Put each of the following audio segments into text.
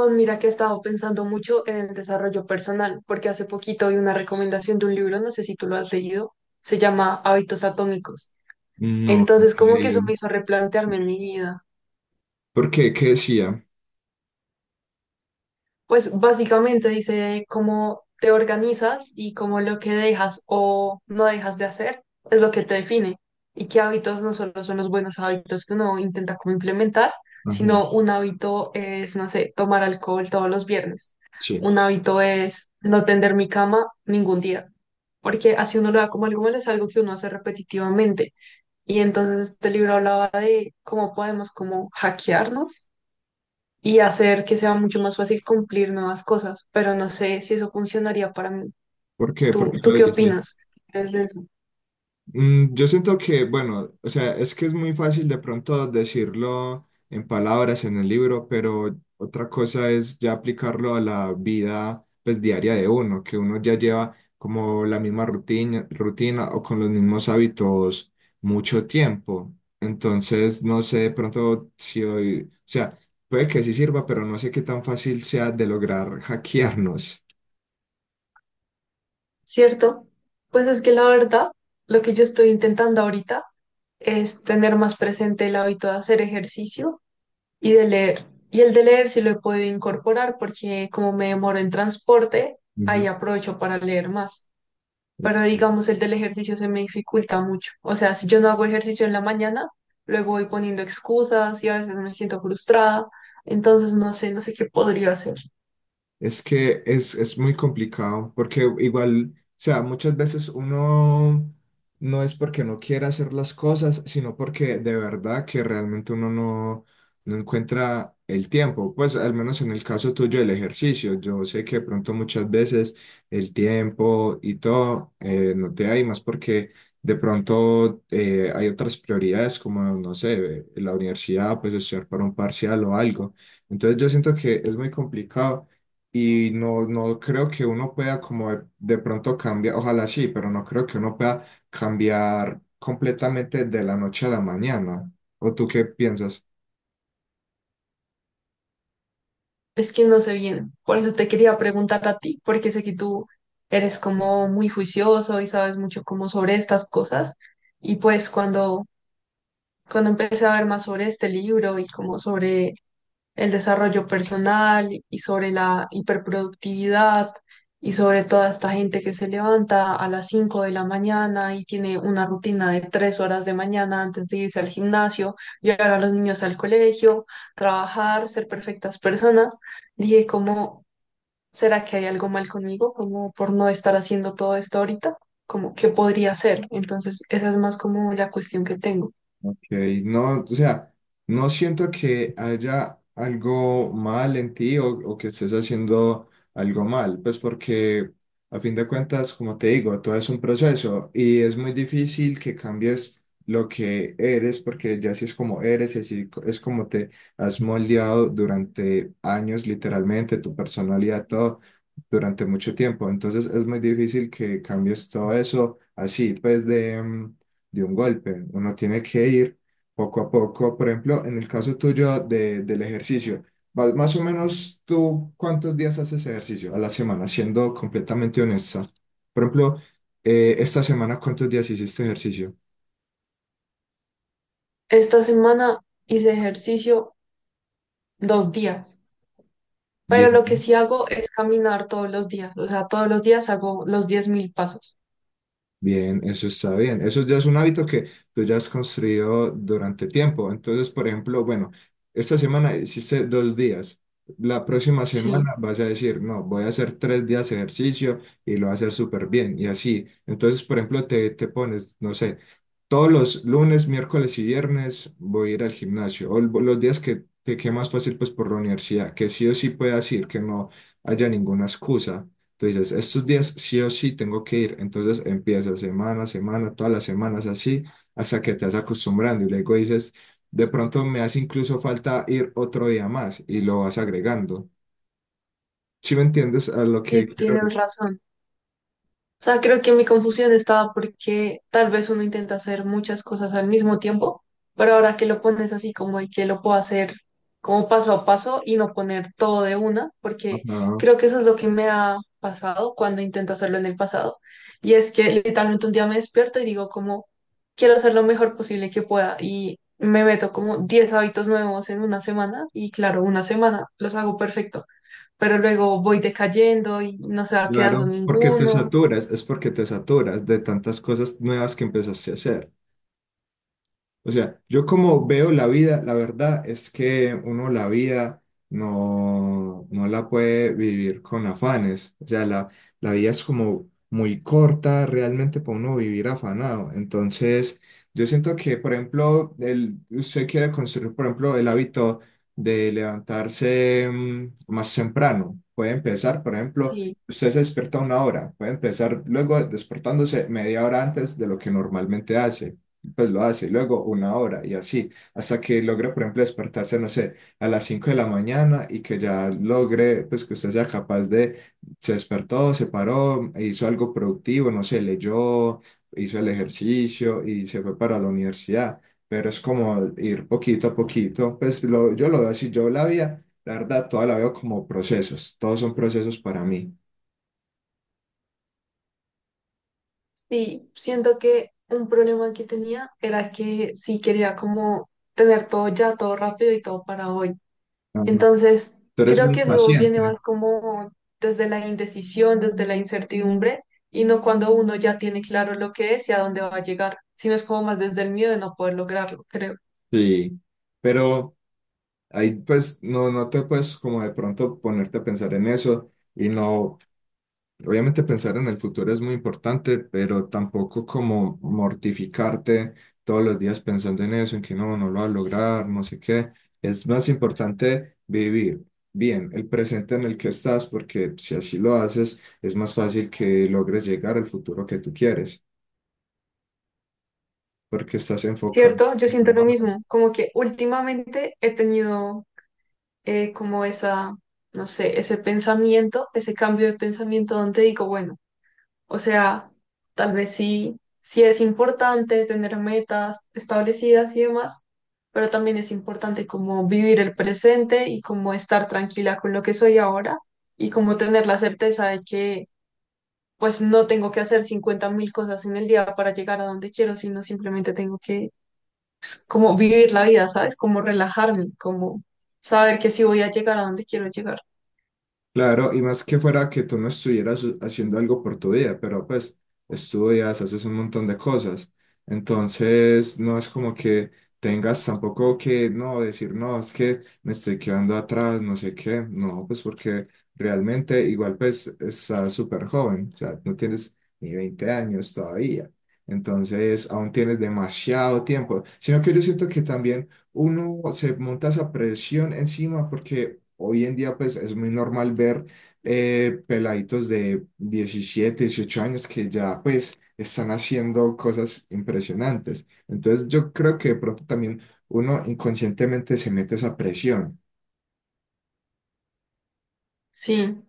Oh, mira que he estado pensando mucho en el desarrollo personal, porque hace poquito vi una recomendación de un libro, no sé si tú lo has leído, se llama Hábitos Atómicos. No, no lo Entonces, he como que eso me leído. hizo replantearme en mi vida. ¿Por qué? ¿Qué decía? Pues básicamente dice cómo te organizas y cómo lo que dejas o no dejas de hacer es lo que te define y qué hábitos no solo son los buenos hábitos que uno intenta como implementar, Ajá, sino un hábito es, no sé, tomar alcohol todos los viernes. sí. Un hábito es no tender mi cama ningún día, porque así uno lo da como algo malo, es algo que uno hace repetitivamente. Y entonces este libro hablaba de cómo podemos como hackearnos y hacer que sea mucho más fácil cumplir nuevas cosas, pero no sé si eso funcionaría para mí. ¿Por qué? ¿Por ¿Tú, qué tú lo qué dices? opinas desde eso? Yo siento que, bueno, o sea, es que es muy fácil de pronto decirlo en palabras en el libro, pero otra cosa es ya aplicarlo a la vida pues diaria de uno, que uno ya lleva como la misma rutina, rutina o con los mismos hábitos mucho tiempo. Entonces, no sé de pronto si hoy, o sea, puede que sí sirva, pero no sé qué tan fácil sea de lograr hackearnos. ¿Cierto? Pues es que la verdad, lo que yo estoy intentando ahorita es tener más presente el hábito de hacer ejercicio y de leer. Y el de leer sí lo he podido incorporar porque como me demoro en transporte, ahí Ujú, aprovecho para leer más. Pero ok. digamos el del ejercicio se me dificulta mucho. O sea, si yo no hago ejercicio en la mañana, luego voy poniendo excusas y a veces me siento frustrada. Entonces no sé qué podría hacer. Es que es muy complicado, porque igual, o sea, muchas veces uno no es porque no quiera hacer las cosas, sino porque de verdad que realmente uno no, no encuentra el tiempo. Pues al menos en el caso tuyo del ejercicio, yo sé que de pronto muchas veces el tiempo y todo no te hay más porque de pronto hay otras prioridades como, no sé, la universidad, pues estudiar para un parcial o algo. Entonces yo siento que es muy complicado. Y no, no creo que uno pueda como de pronto cambiar, ojalá sí, pero no creo que uno pueda cambiar completamente de la noche a la mañana. ¿O tú qué piensas? Es que no sé bien. Por eso te quería preguntar a ti, porque sé que tú eres como muy juicioso y sabes mucho como sobre estas cosas. Y pues cuando empecé a ver más sobre este libro y como sobre el desarrollo personal y sobre la hiperproductividad y sobre toda esta gente que se levanta a las 5 de la mañana y tiene una rutina de 3 horas de mañana antes de irse al gimnasio, llevar a los niños al colegio, trabajar, ser perfectas personas. Dije, ¿cómo será que hay algo mal conmigo? Como por no estar haciendo todo esto ahorita, como qué podría hacer. Entonces, esa es más como la cuestión que tengo. Ok, no, o sea, no siento que haya algo mal en ti o que estés haciendo algo mal, pues porque a fin de cuentas, como te digo, todo es un proceso y es muy difícil que cambies lo que eres porque ya así es como eres y así es como te has moldeado durante años, literalmente, tu personalidad, todo durante mucho tiempo. Entonces es muy difícil que cambies todo eso así, pues de un golpe. Uno tiene que ir poco a poco. Por ejemplo, en el caso tuyo del ejercicio, más o menos tú, ¿cuántos días haces ejercicio a la semana? Siendo completamente honesta. Por ejemplo, esta semana, ¿cuántos días hiciste ejercicio? Esta semana hice ejercicio 2 días. Pero lo que Bien. sí hago es caminar todos los días, o sea, todos los días hago los 10.000 pasos. Bien, eso está bien. Eso ya es un hábito que tú ya has construido durante tiempo. Entonces, por ejemplo, bueno, esta semana hiciste 2 días. La próxima Sí, semana vas a decir, no, voy a hacer 3 días de ejercicio y lo voy a hacer súper bien. Y así. Entonces, por ejemplo, te pones, no sé, todos los lunes, miércoles y viernes voy a ir al gimnasio. O los días que te quede más fácil, pues por la universidad, que sí o sí puedas ir, que no haya ninguna excusa. Tú dices, estos días sí o sí tengo que ir. Entonces empiezas semana a semana, todas las semanas así, hasta que te vas acostumbrando. Y luego dices, de pronto me hace incluso falta ir otro día más y lo vas agregando. ¿Si me entiendes a lo que sí, quiero ir? tienes razón. O sea, creo que mi confusión estaba porque tal vez uno intenta hacer muchas cosas al mismo tiempo, pero ahora que lo pones así como y que lo puedo hacer como paso a paso y no poner todo de una, porque Ajá, creo que eso es lo que me ha pasado cuando intento hacerlo en el pasado. Y es que literalmente un día me despierto y digo como, quiero hacer lo mejor posible que pueda y me meto como 10 hábitos nuevos en una semana y claro, una semana los hago perfecto, pero luego voy decayendo y no se va quedando claro, porque te ninguno. saturas, es porque te saturas de tantas cosas nuevas que empezaste a hacer. O sea, yo como veo la vida, la verdad es que uno la vida no, no la puede vivir con afanes. O sea, la vida es como muy corta realmente para uno vivir afanado. Entonces, yo siento que, por ejemplo, usted quiere construir, por ejemplo, el hábito de levantarse más temprano. Puede empezar, por ejemplo, Sí, usted se despierta a una hora. Puede empezar luego despertándose media hora antes de lo que normalmente hace pues lo hace, y luego una hora y así, hasta que logre, por ejemplo, despertarse, no sé, a las 5 de la mañana y que ya logre, pues que usted sea capaz de, se despertó, se paró, hizo algo productivo, no sé, leyó, hizo el ejercicio y se fue para la universidad, pero es como ir poquito a poquito, pues yo lo veo así, yo la vida, la verdad, toda la veo como procesos, todos son procesos para mí. sí, siento que un problema que tenía era que sí quería como tener todo ya, todo rápido y todo para hoy. Ajá. Entonces, Tú eres creo muy que eso viene paciente. más como desde la indecisión, desde la incertidumbre, y no cuando uno ya tiene claro lo que es y a dónde va a llegar, sino es como más desde el miedo de no poder lograrlo, creo. Sí, pero... Ahí pues no, no te puedes como de pronto ponerte a pensar en eso y no, obviamente pensar en el futuro es muy importante, pero tampoco como mortificarte todos los días pensando en eso, en que no, no lo va a lograr, no sé qué. Es más importante vivir bien el presente en el que estás, porque si así lo haces, es más fácil que logres llegar al futuro que tú quieres, porque estás enfocado. ¿Cierto? Yo siento lo mismo, como que últimamente he tenido como esa, no sé, ese pensamiento, ese cambio de pensamiento donde digo, bueno. O sea, tal vez sí, sí es importante tener metas establecidas y demás, pero también es importante como vivir el presente y como estar tranquila con lo que soy ahora y como tener la certeza de que pues no tengo que hacer 50.000 cosas en el día para llegar a donde quiero, sino simplemente tengo que como vivir la vida, ¿sabes? Como relajarme, como saber que sí voy a llegar a donde quiero llegar. Claro, y más que fuera que tú no estuvieras haciendo algo por tu vida, pero pues estudias, haces un montón de cosas. Entonces, no es como que tengas tampoco que no decir, no, es que me estoy quedando atrás, no sé qué. No, pues porque realmente igual pues estás súper joven, o sea, no tienes ni 20 años todavía. Entonces, aún tienes demasiado tiempo. Sino que yo siento que también uno se monta esa presión encima porque hoy en día pues es muy normal ver peladitos de 17-18 años que ya pues están haciendo cosas impresionantes. Entonces yo creo que de pronto también uno inconscientemente se mete esa presión. Sí.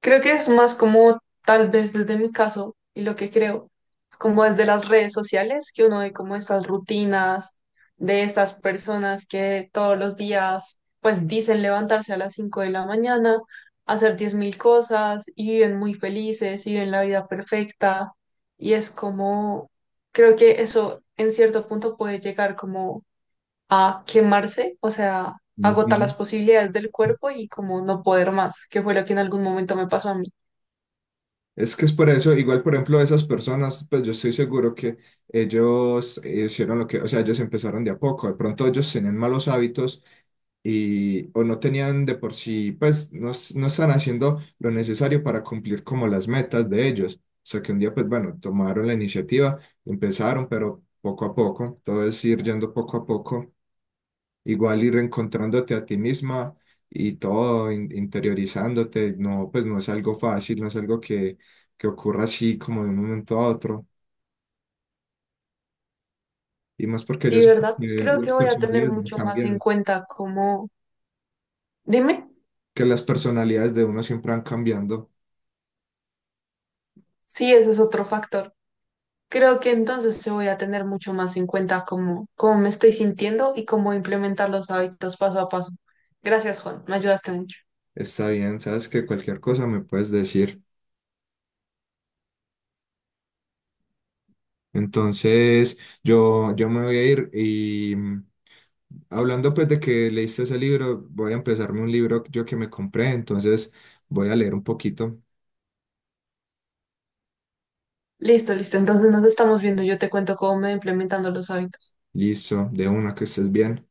Creo que es más como, tal vez desde mi caso, y lo que creo, es como desde las redes sociales, que uno ve como estas rutinas de estas personas que todos los días, pues dicen levantarse a las 5 de la mañana, hacer 10.000 cosas, y viven muy felices, y viven la vida perfecta, y es como, creo que eso en cierto punto puede llegar como a quemarse, o sea, agotar Ujú. las posibilidades del cuerpo y como no poder más, que fue lo que en algún momento me pasó a mí. Es que es por eso, igual por ejemplo esas personas, pues yo estoy seguro que ellos hicieron lo que, o sea, ellos empezaron de a poco, de pronto ellos tenían malos hábitos y, o no tenían de por sí, pues no, no están haciendo lo necesario para cumplir como las metas de ellos. O sea que un día, pues bueno, tomaron la iniciativa, empezaron, pero poco a poco, todo es ir yendo poco a poco, igual ir reencontrándote a ti misma y todo interiorizándote, no, pues no es algo fácil, no es algo que ocurra así como de un momento a otro. Y más porque yo Sí, siento ¿verdad? que Creo las que voy a tener personalidades van mucho más en cambiando, cuenta como... Dime, que las personalidades de uno siempre van cambiando. sí, ese es otro factor. Creo que entonces se voy a tener mucho más en cuenta cómo me estoy sintiendo y cómo implementar los hábitos paso a paso. Gracias, Juan, me ayudaste mucho. Está bien, sabes que cualquier cosa me puedes decir. Entonces, yo me voy a ir y hablando pues de que leíste ese libro, voy a empezarme un libro yo que me compré, entonces voy a leer un poquito. Listo, listo. Entonces nos estamos viendo. Yo te cuento cómo me voy implementando los hábitos. Listo, de una, que estés bien.